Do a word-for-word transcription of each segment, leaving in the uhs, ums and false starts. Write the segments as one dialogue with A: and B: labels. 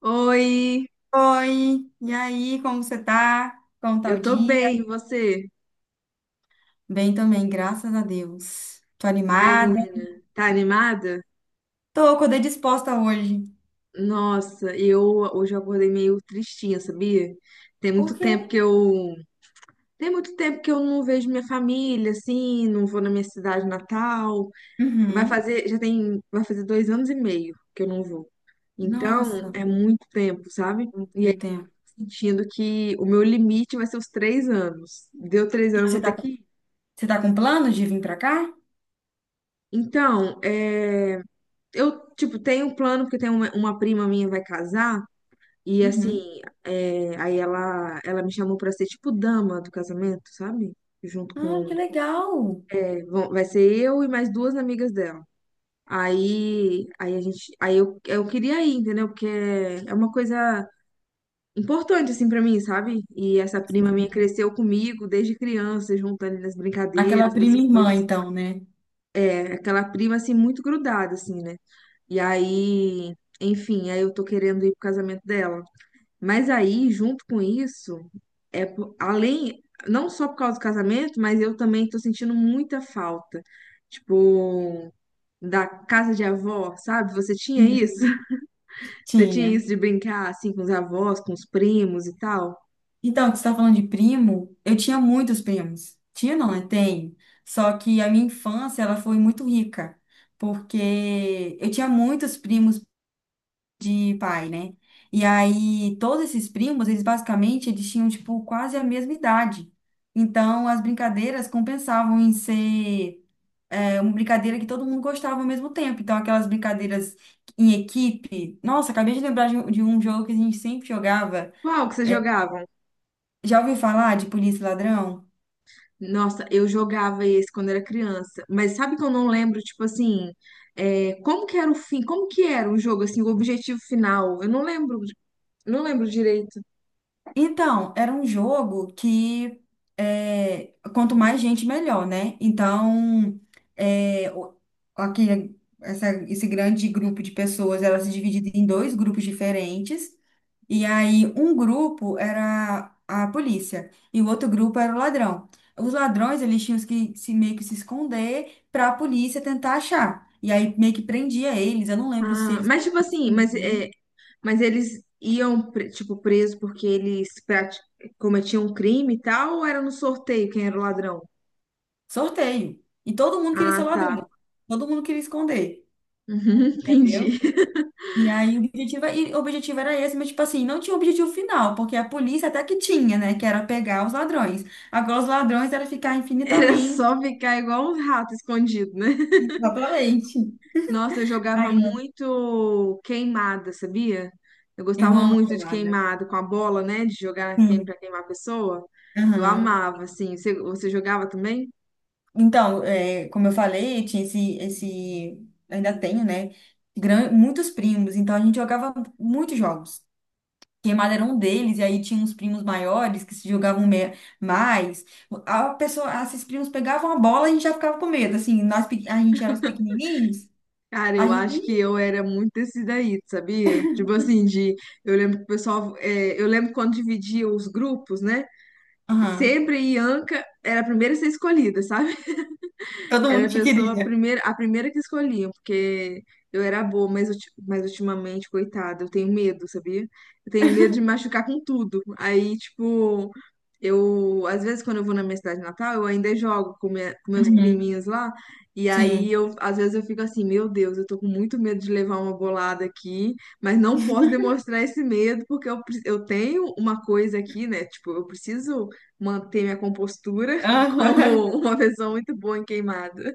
A: Oi,
B: Oi, e aí, como você tá? Como tá
A: eu
B: o
A: tô
B: dia?
A: bem, e você?
B: Bem também, graças a Deus. Tô
A: Ai,
B: animada.
A: menina, tá animada?
B: Tô, acordei disposta hoje.
A: Nossa, eu hoje eu acordei meio tristinha, sabia? Tem
B: Por
A: muito
B: quê?
A: tempo que eu tem muito tempo que eu não vejo minha família, assim, não vou na minha cidade natal. Vai
B: Uhum.
A: fazer, já tem, vai fazer dois anos e meio que eu não vou. Então,
B: Nossa,
A: é muito tempo, sabe?
B: muito
A: E aí, eu
B: tempo.
A: tô sentindo que o meu limite vai ser os três anos. Deu três anos, eu vou
B: Você
A: ter
B: tá,
A: que ir.
B: você tá com plano de vir pra cá?
A: Então, é. Eu, tipo, tenho um plano, porque tem uma, uma prima minha vai casar, e
B: Uhum.
A: assim, é, aí ela, ela me chamou pra ser, tipo, dama do casamento, sabe? Junto
B: Ah,
A: com.
B: que legal.
A: É, vão- vai ser eu e mais duas amigas dela. Aí, aí a gente, aí eu, eu queria ir, entendeu? Porque é é uma coisa importante, assim, pra mim, sabe? E essa prima minha cresceu comigo desde criança, junto ali nas
B: Aquela
A: brincadeiras, nas
B: prima irmã,
A: coisas.
B: então, né?
A: É aquela prima assim muito grudada, assim, né? E aí, enfim, aí eu tô querendo ir pro casamento dela. Mas aí, junto com isso, é po- além, não só por causa do casamento, mas eu também tô sentindo muita falta, tipo, da casa de avó, sabe? Você tinha
B: Sim.
A: isso? Você
B: Tinha.
A: tinha isso de brincar assim com os avós, com os primos e tal?
B: Então, que você está falando de primo, eu tinha muitos primos. Tinha não, né? Tenho. Só que a minha infância, ela foi muito rica, porque eu tinha muitos primos de pai, né? E aí, todos esses primos, eles basicamente, eles tinham, tipo, quase a mesma idade. Então, as brincadeiras compensavam em ser é, uma brincadeira que todo mundo gostava ao mesmo tempo. Então, aquelas brincadeiras em equipe. Nossa, acabei de lembrar de um de um jogo que a gente sempre jogava.
A: Qual que você jogava?
B: Já ouviu falar de polícia e ladrão?
A: Nossa, eu jogava esse quando era criança, mas sabe que eu não lembro, tipo assim, é, como que era o fim, como que era o jogo, assim, o objetivo final? Eu não lembro, não lembro direito.
B: Então, era um jogo que é, quanto mais gente, melhor, né? Então, é, o- aqui, essa- esse grande grupo de pessoas, era se dividido em dois grupos diferentes. E aí, um grupo era a polícia e o outro grupo era o ladrão. Os ladrões, eles tinham que se, meio que se esconder para a polícia tentar achar. E aí, meio que prendia eles. Eu não lembro se
A: Ah,
B: eles
A: mas tipo assim, mas, é, mas eles iam, pre- tipo, preso porque eles prati- cometiam um crime e tal, ou era no sorteio quem era o ladrão?
B: Sorteio. E todo mundo queria ser
A: Ah,
B: ladrão.
A: tá.
B: Todo mundo queria esconder,
A: Uhum, entendi.
B: entendeu? E aí o objetivo, é, e o objetivo era esse, mas tipo assim, não tinha um objetivo final, porque a polícia até que tinha, né? Que era pegar os ladrões. Agora os ladrões era ficar
A: Era
B: infinitamente,
A: só ficar igual um rato escondido, né?
B: exatamente.
A: Nossa, eu jogava
B: Aí eu
A: muito queimada, sabia? Eu
B: eu
A: gostava
B: amo
A: muito de
B: queimada.
A: queimada com a bola, né? De jogar quem
B: Sim.
A: pra queimar a pessoa. Eu
B: Aham.
A: amava, assim. Você, você jogava também?
B: Então, é, como eu falei, tinha esse, esse, ainda tenho, né? gran- muitos primos, então a gente jogava muitos jogos. Queimada era um deles, e aí tinha uns primos maiores que se jogavam me- mais. A pessoa, esses primos pegavam a bola e a gente já ficava com medo. Assim, nós, pe- a gente era os pequenininhos,
A: Cara,
B: a
A: eu
B: gente.
A: acho que eu era muito desse daí, sabia? Tipo assim, de, eu lembro que o pessoal, é, eu lembro quando dividia os grupos, né?
B: Aham.
A: Sempre a Ianca era a primeira a ser escolhida, sabe?
B: Todo
A: Era a
B: mundo te
A: pessoa a
B: queria.
A: primeira, a primeira que escolhiam, porque eu era boa, mas, ulti- mas ultimamente, coitada, eu tenho medo, sabia? Eu tenho medo de me machucar com tudo. Aí, tipo, eu, às vezes, quando eu vou na minha cidade natal, eu ainda jogo com, minha- com meus
B: Uhum.
A: priminhos lá. E aí,
B: Sim.
A: eu, às vezes, eu fico assim, meu Deus, eu tô com muito medo de levar uma bolada aqui, mas não posso demonstrar esse medo, porque eu, pre- eu tenho uma coisa aqui, né? Tipo, eu preciso manter minha compostura como
B: Aham.
A: uma pessoa muito boa em queimada.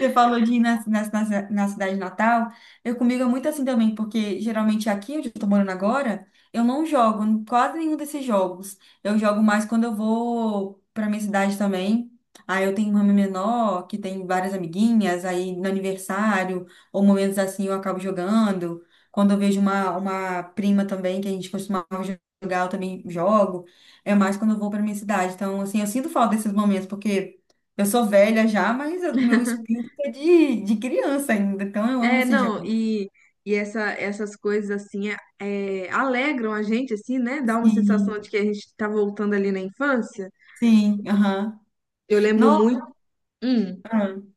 B: Você falou de ir na, na, na, na cidade natal. Eu comigo é muito assim também, porque geralmente aqui onde eu tô morando agora, eu não jogo em quase nenhum desses jogos. Eu jogo mais quando eu vou pra minha cidade também. Aí eu tenho uma irmã menor que tem várias amiguinhas, aí no aniversário, ou momentos assim eu acabo jogando. Quando eu vejo uma, uma prima também, que a gente costumava jogar, eu também jogo. É mais quando eu vou pra minha cidade. Então, assim, eu sinto falta desses momentos, porque. Eu sou velha já, mas eu- meu espírito é de, de criança ainda, então eu amo
A: É,
B: esse
A: não,
B: jogo.
A: e, e essa, essas coisas assim é, é, alegram a gente, assim, né? Dá uma sensação
B: Sim,
A: de que a gente tá voltando ali na infância.
B: sim, aham.
A: Eu lembro muito.
B: Nossa,
A: Hum.
B: aham,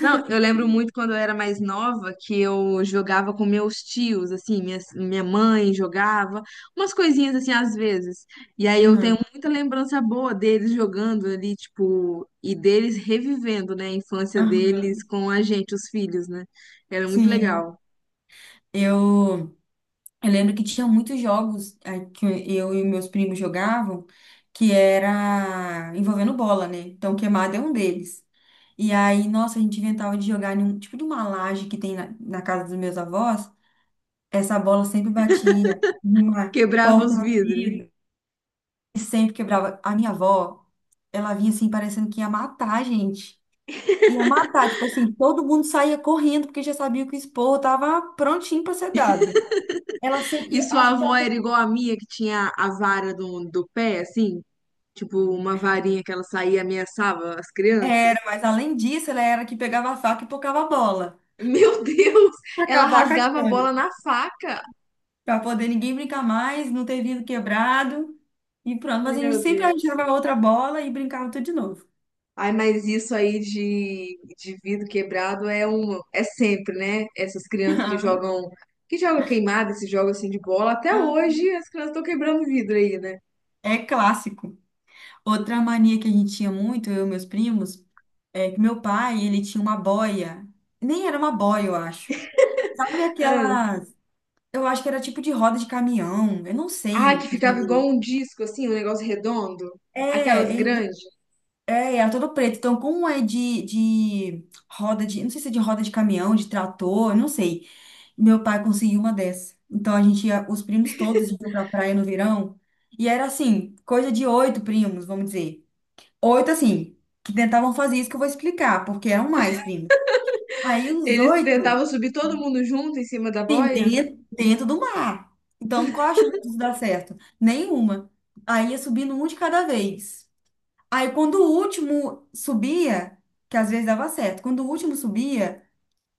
A: Não, eu lembro muito quando eu era mais nova que eu jogava com meus tios, assim, minha, minha mãe jogava umas coisinhas assim às vezes. E aí eu tenho
B: aham,
A: muita lembrança boa deles jogando ali, tipo, e deles revivendo, né, a infância deles
B: aham,
A: com a gente, os filhos, né? Era muito
B: sim.
A: legal.
B: Eu, eu lembro que tinha muitos jogos eh, que eu e meus primos jogavam que era envolvendo bola, né? Então, queimada é um deles. E aí, nossa, a gente inventava de jogar em um tipo de uma laje que tem na, na casa dos meus avós. Essa bola sempre batia numa
A: Quebrava
B: porta
A: os
B: de
A: vidros.
B: vidro. E sempre quebrava. A minha avó, ela vinha assim, parecendo que ia matar a gente. Ia matar, tipo assim, todo mundo saía correndo porque já sabia que o esporro tava prontinho pra ser dado. Ela sem,
A: E
B: e
A: sua
B: acho que
A: avó
B: ela sem,
A: era igual a minha, que tinha a vara do, do pé, assim, tipo, uma varinha que ela saía e ameaçava as
B: era,
A: crianças.
B: mas além disso, ela era que pegava a faca e pocava a bola.
A: Meu Deus,
B: Pra
A: ela
B: acabar com a
A: rasgava a
B: história.
A: bola na faca.
B: Pra poder ninguém brincar mais, não ter vidro quebrado. E pronto, mas a gente
A: Meu
B: sempre
A: Deus.
B: arranjava outra bola e brincava tudo de novo.
A: Ai, mas isso aí de, de vidro quebrado é um, é sempre, né? Essas crianças que jogam, que jogam queimada, esse jogo assim de bola, até hoje as crianças estão quebrando vidro aí, né?
B: É clássico. Outra mania que a gente tinha muito, eu e meus primos, É que meu pai, ele tinha uma boia. Nem era uma boia, eu acho. Sabe
A: Ah,
B: aquelas. Eu acho que era tipo de roda de caminhão, eu não
A: ai, que
B: sei.
A: ficava igual um disco assim, um negócio redondo, aquelas
B: É, ele
A: grandes.
B: é, era todo preto. Então, como é de, de roda de. Não sei se é de roda de caminhão, de trator, eu não sei. Meu pai conseguiu uma dessa. Então, a gente ia, os primos todos iam pra praia no verão. E era assim, coisa de oito primos, vamos dizer. Oito, assim, que tentavam fazer isso que eu vou explicar, porque eram mais primos. Aí, os
A: Eles tentavam
B: oito.
A: subir todo mundo junto em cima da
B: Sim,
A: boia,
B: dentro, dentro do mar. Então, qual a chance disso dar certo? Nenhuma. Aí ia subindo um de cada vez. Aí, quando o último subia, que às vezes dava certo, quando o último subia,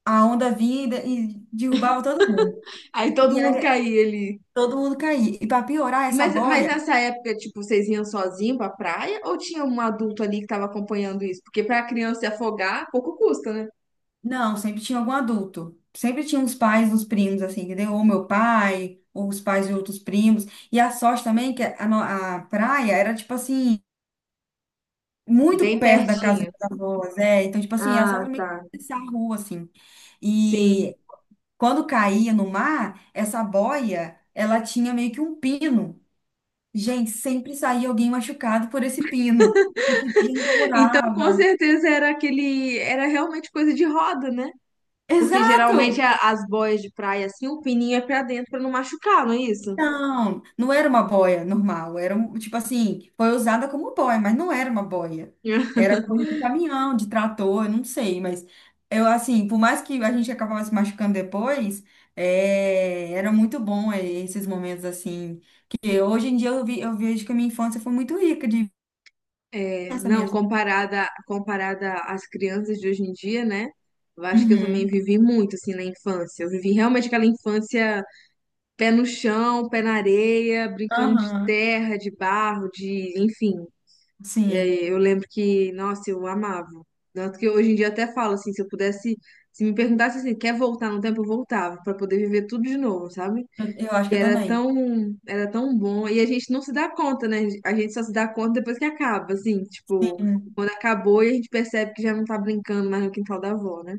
B: a onda vinha e de- e derrubava todo mundo.
A: aí todo
B: E
A: mundo
B: aí
A: caía ali.
B: todo mundo caía. E para piorar
A: E
B: essa
A: Mas, mas
B: boia,
A: nessa época, tipo, vocês iam sozinho pra praia ou tinha um adulto ali que tava acompanhando isso? Porque pra criança se afogar, pouco custa, né?
B: não, sempre tinha algum adulto. Sempre tinha os pais dos primos, assim, entendeu? Ou meu pai, ou os pais de outros primos. E a sorte também, é que a, no- a praia era tipo assim. Muito
A: Bem
B: perto da casa
A: pertinho.
B: das minhas avós, é. Então, tipo assim, era só
A: Ah,
B: também
A: tá.
B: atravessar a rua, assim.
A: Sim.
B: E quando caía no mar, essa boia, ela tinha meio que um pino. Gente, sempre saía alguém machucado por esse pino. Esse pino
A: Então, com
B: furava.
A: certeza era aquele, era realmente coisa de roda, né? Porque
B: Exato!
A: geralmente a- as boias de praia assim, o pininho é pra dentro pra não machucar, não é isso?
B: Não, não era uma boia normal, era um, tipo assim, foi usada como boia, mas não era uma boia. Era coisa de caminhão, de trator, eu não sei, mas eu assim, por mais que a gente acabava se machucando depois, é, era muito bom é, esses momentos assim. Porque hoje em dia eu vi, eu vejo que a minha infância foi muito rica de
A: É,
B: infância
A: não,
B: mesmo.
A: comparada, comparada às crianças de hoje em dia, né? Eu acho que eu também
B: Uhum.
A: vivi muito assim na infância. Eu vivi realmente aquela infância, pé no chão, pé na areia, brincando de
B: Aham.
A: terra, de barro, de, enfim.
B: Sim,
A: É, eu lembro que, nossa, eu amava. Tanto que hoje em dia eu até falo assim, se eu pudesse, se me perguntasse assim, quer voltar no tempo, eu voltava pra poder viver tudo de novo, sabe?
B: eu, eu acho
A: Que
B: que eu
A: era
B: também.
A: tão, era tão bom. E a gente não se dá conta, né? A gente só se dá conta depois que acaba, assim, tipo, quando acabou e a gente percebe que já não tá brincando mais no quintal da avó, né?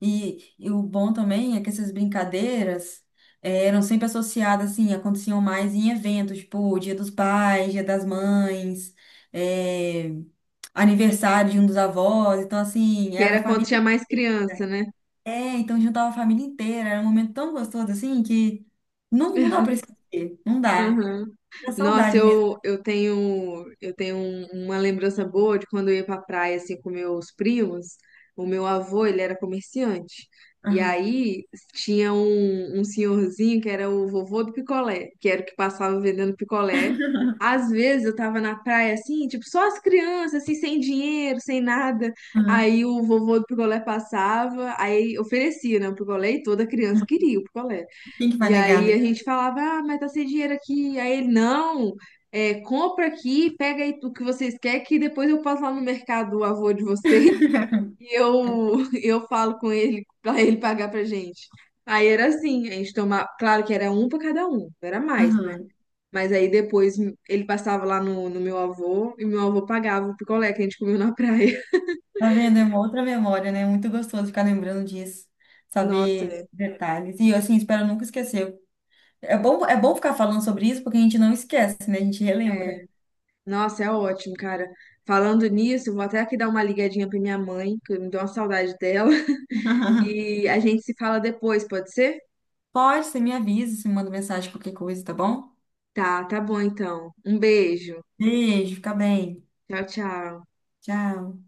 B: E, e o bom também é que essas brincadeiras eh, eram sempre associadas, assim, aconteciam mais em eventos, tipo Dia dos Pais, Dia das Mães, eh, aniversário de um dos avós. Então, assim,
A: Que
B: era a
A: era quando
B: família
A: tinha mais criança, né?
B: inteira, então juntava a família inteira. Era um momento tão gostoso, assim, que não, não dá pra esquecer, não dá.
A: Aham.
B: É
A: Nossa,
B: saudade mesmo.
A: eu, eu tenho eu tenho um- uma lembrança boa de quando eu ia pra praia assim com meus primos. O meu avô, ele era comerciante. E
B: Aham,
A: aí tinha um, um senhorzinho que era o vovô do picolé, que era o que passava vendendo picolé. Às vezes eu tava na praia assim, tipo, só as crianças, assim, sem dinheiro, sem nada.
B: aham,
A: Aí o vovô do picolé passava, aí oferecia, né, o picolé, e toda criança
B: aham.
A: queria o picolé.
B: Quem que vai
A: E
B: negar,
A: aí
B: né?
A: a gente falava, ah, mas tá sem dinheiro aqui. Aí ele, não, é, compra aqui, pega aí o que vocês querem, que depois eu passo lá no mercado, o avô de vocês, e eu, eu falo com ele pra ele pagar pra gente. Aí era assim, a gente tomava, claro que era um pra cada um, era mais, né?
B: Aham.
A: Mas aí depois ele passava lá no, no meu avô e meu avô pagava o picolé que a gente comeu na praia.
B: Tá vendo? É uma outra memória, né? É Muito gostoso ficar lembrando disso,
A: Nossa,
B: saber
A: é.
B: detalhes. E eu, assim, espero nunca esquecer. É bom, é bom ficar falando sobre isso porque a gente não esquece, né? A gente relembra.
A: É, nossa, é ótimo, cara. Falando nisso, eu vou até aqui dar uma ligadinha pra minha mãe, que me deu uma saudade dela. E a gente se fala depois, pode ser?
B: Pode, você me avisa, você me manda mensagem, qualquer coisa, tá bom?
A: Tá, tá bom então. Um beijo.
B: Beijo, fica bem.
A: Tchau, tchau.
B: Tchau.